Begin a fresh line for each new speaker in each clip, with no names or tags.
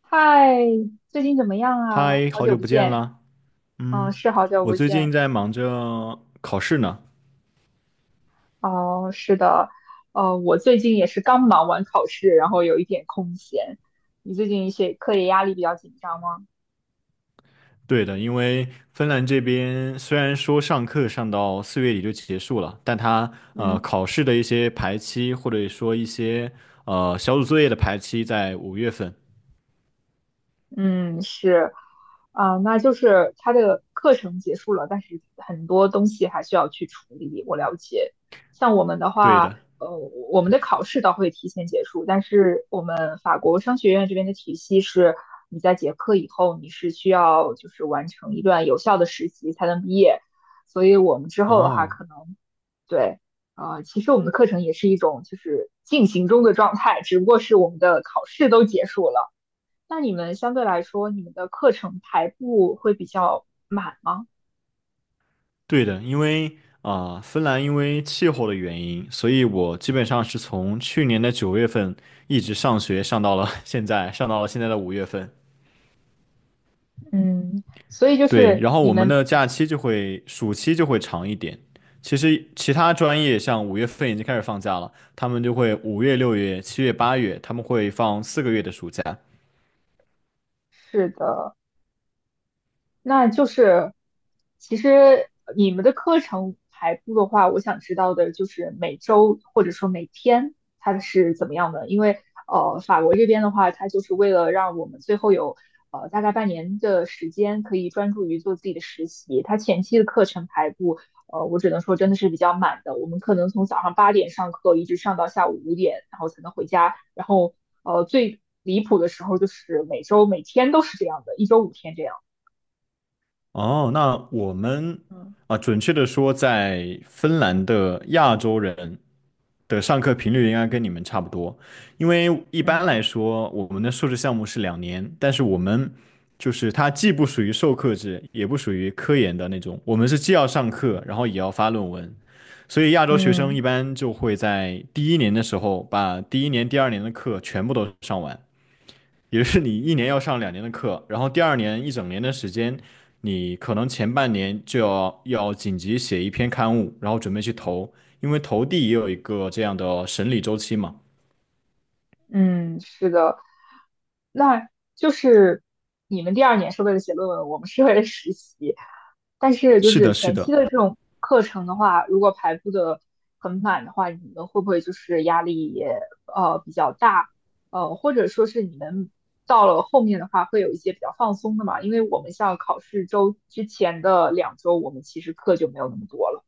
嗨，最近怎么样啊？
嗨，
好
好
久
久
不
不见
见，
啦。
嗯，
嗯。
是好久
我
不
最近
见。
在忙着考试呢。
哦，是的，我最近也是刚忙完考试，然后有一点空闲。你最近学课业压力比较紧张吗？
对的，因为芬兰这边虽然说上课上到4月底就结束了，但它
嗯。
考试的一些排期或者说一些小组作业的排期在五月份。
嗯，是，啊、那就是他的课程结束了，但是很多东西还需要去处理。我了解，像我们的
对
话，
的。
呃，我们的考试倒会提前结束，但是我们法国商学院这边的体系是，你在结课以后，你是需要就是完成一段有效的实习才能毕业，所以我们之后的话，
哦，
可能对，其实我们的课程也是一种就是进行中的状态，只不过是我们的考试都结束了。那你们相对来说，你们的课程排布会比较满吗？
对的，因为芬兰因为气候的原因，所以我基本上是从去年的9月份一直上学上到了现在，上到了现在的五月份。
嗯，所以就
对，
是
然后
你
我们
们
的假期就会暑期就会长一点。其实其他专业像五月份已经开始放假了，他们就会5月、6月、7月、8月，他们会放4个月的暑假。
是的。那就是，其实你们的课程排布的话，我想知道的就是每周或者说每天它是怎么样的，因为法国这边的话，它就是为了让我们最后有大概半年的时间可以专注于做自己的实习，它前期的课程排布，我只能说真的是比较满的，我们可能从早上八点上课一直上到下午五点，然后才能回家，然后最离谱的时候就是每周每天都是这样的，一周五天这样。
哦，那我们
嗯。
啊，准确的说，在芬兰的亚洲人的上课频率应该跟你们差不多，因为一般来
嗯
说我们的硕士项目是两年，但是我们就是它既不属于授课制，也不属于科研的那种，我们是既要上课，然后也要发论文，所以亚洲学生一
嗯
般就会在第一年的时候把第一年、第二年的课全部都上完，也就是你一年要上两年的课，然后第二年一整年的时间，你可能前半年就要紧急写一篇刊物，然后准备去投，因为投递也有一个这样的审理周期嘛。
嗯，是的，那就是你们第二年是为了写论文，我们是为了实习。但是就
是
是
的，是的。
课程的话，如果排布的很满的话，你们会不会就是压力也比较大？或者说是你们到了后面的话，会有一些比较放松的嘛？因为我们像考试周之前的两周，我们其实课就没有那么多了。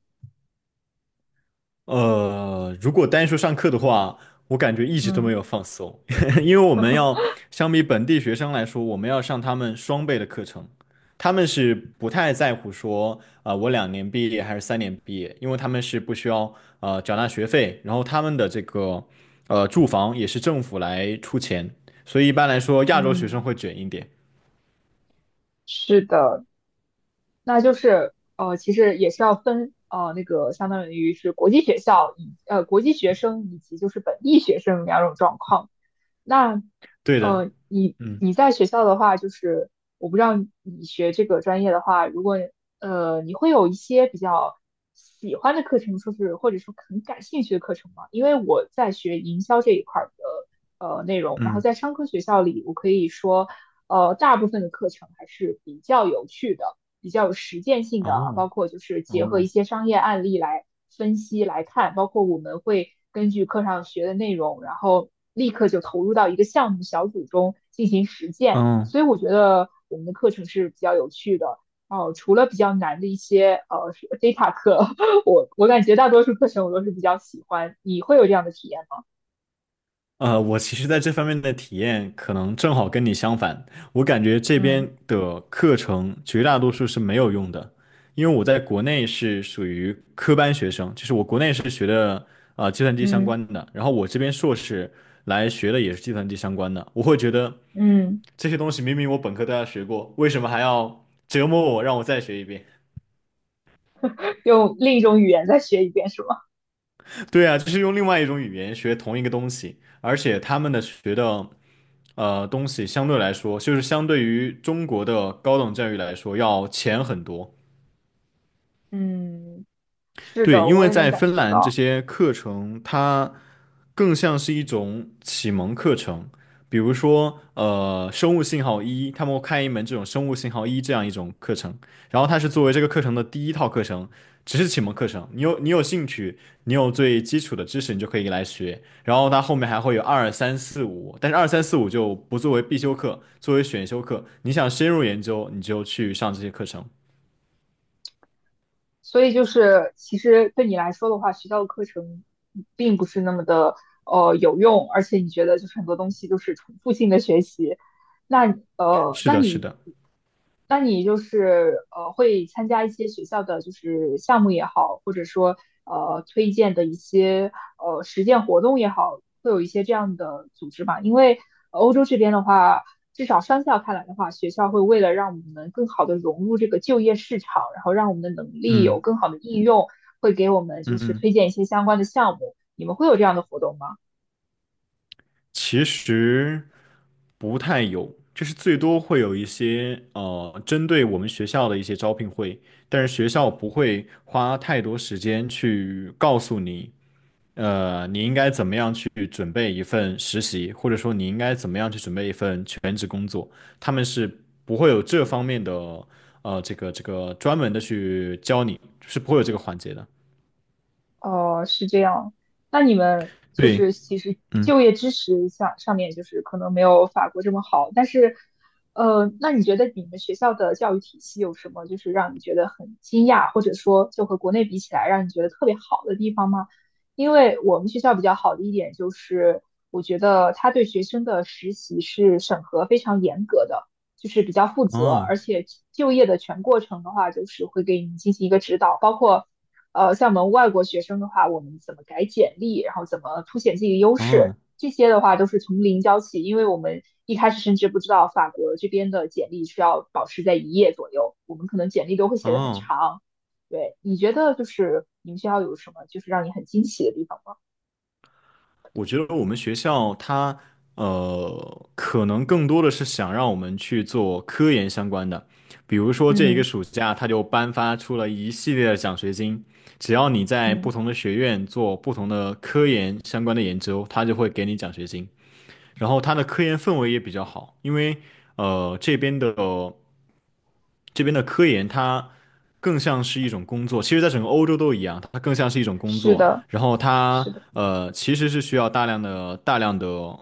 如果单说上课的话，我感觉一直都没
嗯
有放松，因为我们要 相比本地学生来说，我们要上他们双倍的课程，他们是不太在乎说我两年毕业还是3年毕业，因为他们是不需要缴纳学费，然后他们的这个住房也是政府来出钱，所以一般来说亚洲学生
嗯，
会卷一点。
是的，那就是其实也是要分那个相当于是国际学校以国际学生以及就是本地学生两种状况。那
对的。
你
嗯
你在学校的话，就是我不知道你学这个专业的话，如果你会有一些比较喜欢的课程，说是或者说很感兴趣的课程吗？因为我在学营销这一块儿的内容，然后
嗯。
在商科学校里，我可以说大部分的课程还是比较有趣的。比较有实践性的啊
哦
包括就是结合一
哦。
些商业案例来分析来看，包括我们会根据课上学的内容，然后立刻就投入到一个项目小组中进行实践。
嗯。
所以我觉得我们的课程是比较有趣的。哦，除了比较难的一些data 课，我感觉大多数课程我都是比较喜欢。你会有这样的体验吗？
我其实在这方面的体验可能正好跟你相反。我感觉这边
嗯
的课程绝大多数是没有用的，因为我在国内是属于科班学生，就是我国内是学的计算机相
嗯
关的，然后我这边硕士来学的也是计算机相关的。我会觉得
嗯。
这些东西明明我本科都要学过，为什么还要折磨我，让我再学一遍？
用另一种语言再学一遍是吗？
对啊，就是用另外一种语言学同一个东西，而且他们的学的。东西相对来说，就是相对于中国的高等教育来说要浅很多。
嗯，是
对，
的，
因
我
为
也能
在
感
芬
受
兰这
到。
些课程，它更像是一种启蒙课程，比如说，生物信号一，他们会开一门这种生物信号一这样一种课程，然后它是作为这个课程的第一套课程，只是启蒙课程。你有兴趣，你有最基础的知识，你就可以来学。然后它后面还会有二三四五，但是二三四五就不作为必修课，作为选修课。你想深入研究，你就去上这些课程。
所以就是，其实对你来说的话，学校的课程并不是那么的有用，而且你觉得就是很多东西都是重复性的学习，那
是的，是的。
那你就是会参加一些学校的就是项目也好，或者说推荐的一些实践活动也好，会有一些这样的组织嘛？因为欧洲这边的话，至少商校看来的话，学校会为了让我们能更好的融入这个就业市场，然后让我们的能力有
嗯
更好的应用，会给我们就是
嗯。
推荐一些相关的项目。你们会有这样的活动吗？
其实不太有，就是最多会有一些针对我们学校的一些招聘会，但是学校不会花太多时间去告诉你，你应该怎么样去准备一份实习，或者说你应该怎么样去准备一份全职工作，他们是不会有这方面的这个专门的去教你，是不会有这个环节的。
哦，是这样。那你们就
对。
是其实
嗯。
就业支持上面就是可能没有法国这么好，但是，那你觉得你们学校的教育体系有什么就是让你觉得很惊讶，或者说就和国内比起来让你觉得特别好的地方吗？因为我们学校比较好的一点就是，我觉得他对学生的实习是审核非常严格的，就是比较负责，
哦
而且就业的全过程的话，就是会给你进行一个指导，包括。像我们外国学生的话，我们怎么改简历，然后怎么凸显自己的优势，
哦
这些的话都是从零教起，因为我们一开始甚至不知道法国这边的简历需要保持在一页左右，我们可能简历都会写得很
哦。
长。对，你觉得就是你们学校有什么就是让你很惊喜的地方吗？
我觉得我们学校它可能更多的是想让我们去做科研相关的，比如说这一个
嗯
暑假，它就颁发出了一系列的奖学金，只要你在不
嗯，
同的学院做不同的科研相关的研究，它就会给你奖学金。然后它的科研氛围也比较好，因为呃这边的这边的科研它更像是一种工作，其实在整个欧洲都一样，它更像是一种工
是
作，
的，
然后
是
它
的，
其实是需要大量的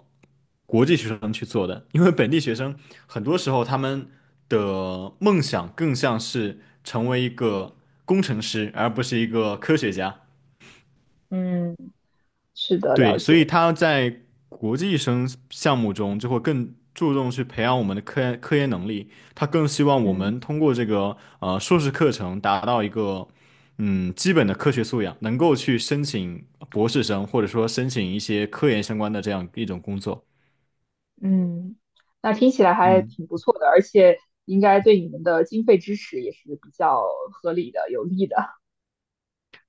国际学生去做的，因为本地学生很多时候他们的梦想更像是成为一个工程师，而不是一个科学家。
嗯是的，
对，
了
所以
解。
他在国际生项目中就会更注重去培养我们的科研能力，他更希望我
嗯。
们通过这个硕士课程达到一个基本的科学素养，能够去申请博士生或者说申请一些科研相关的这样一种工作。
嗯，那听起来还
嗯，
挺不错的，而且应该对你们的经费支持也是比较合理的、有利的。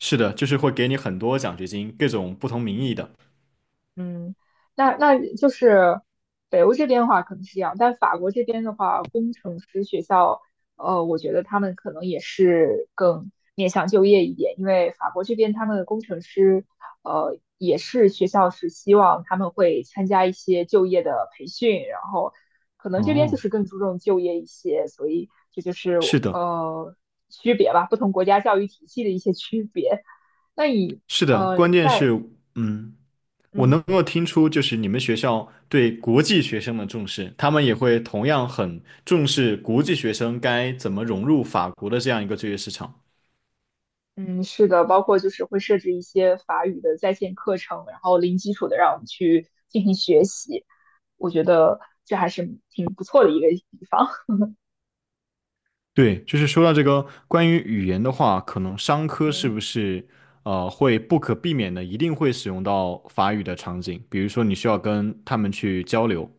是的，就是会给你很多奖学金，各种不同名义的。
嗯，那那就是北欧这边的话可能是这样，但法国这边的话，工程师学校，我觉得他们可能也是更面向就业一点，因为法国这边他们的工程师，也是学校是希望他们会参加一些就业的培训，然后可能这边就
哦，
是更注重就业一些，所以这就是
是的，
呃区别吧，不同国家教育体系的一些区别。那你
是的，
呃
关键是
在
嗯。我能
嗯。
够听出，就是你们学校对国际学生的重视，他们也会同样很重视国际学生该怎么融入法国的这样一个就业市场。
嗯，是的，包括就是会设置一些法语的在线课程，然后零基础的让我们去进行学习，我觉得这还是挺不错的一个地方。
对，就是说到这个关于语言的话，可能商 科是不
嗯
是会不可避免的一定会使用到法语的场景，比如说你需要跟他们去交流。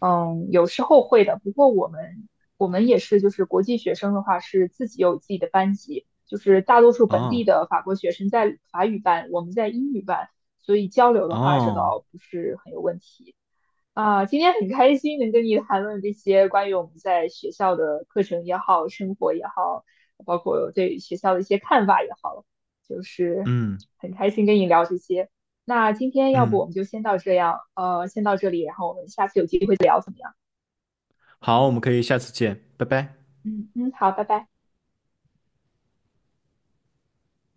嗯有时候会的，不过我们我们也是，就是国际学生的话是自己有自己的班级，就是大多数本地
哦
的法国学生在法语班，我们在英语班，所以交流的话这
哦。
倒不是很有问题。啊，今天很开心能跟你谈论这些关于我们在学校的课程也好，生活也好，包括对学校的一些看法也好，就是
嗯
很开心跟你聊这些。那今天要不我
嗯。
们就先到这样，先到这里，然后我们下次有机会再聊，怎么样？
好，我们可以下次见，拜拜。
嗯嗯，好，拜拜。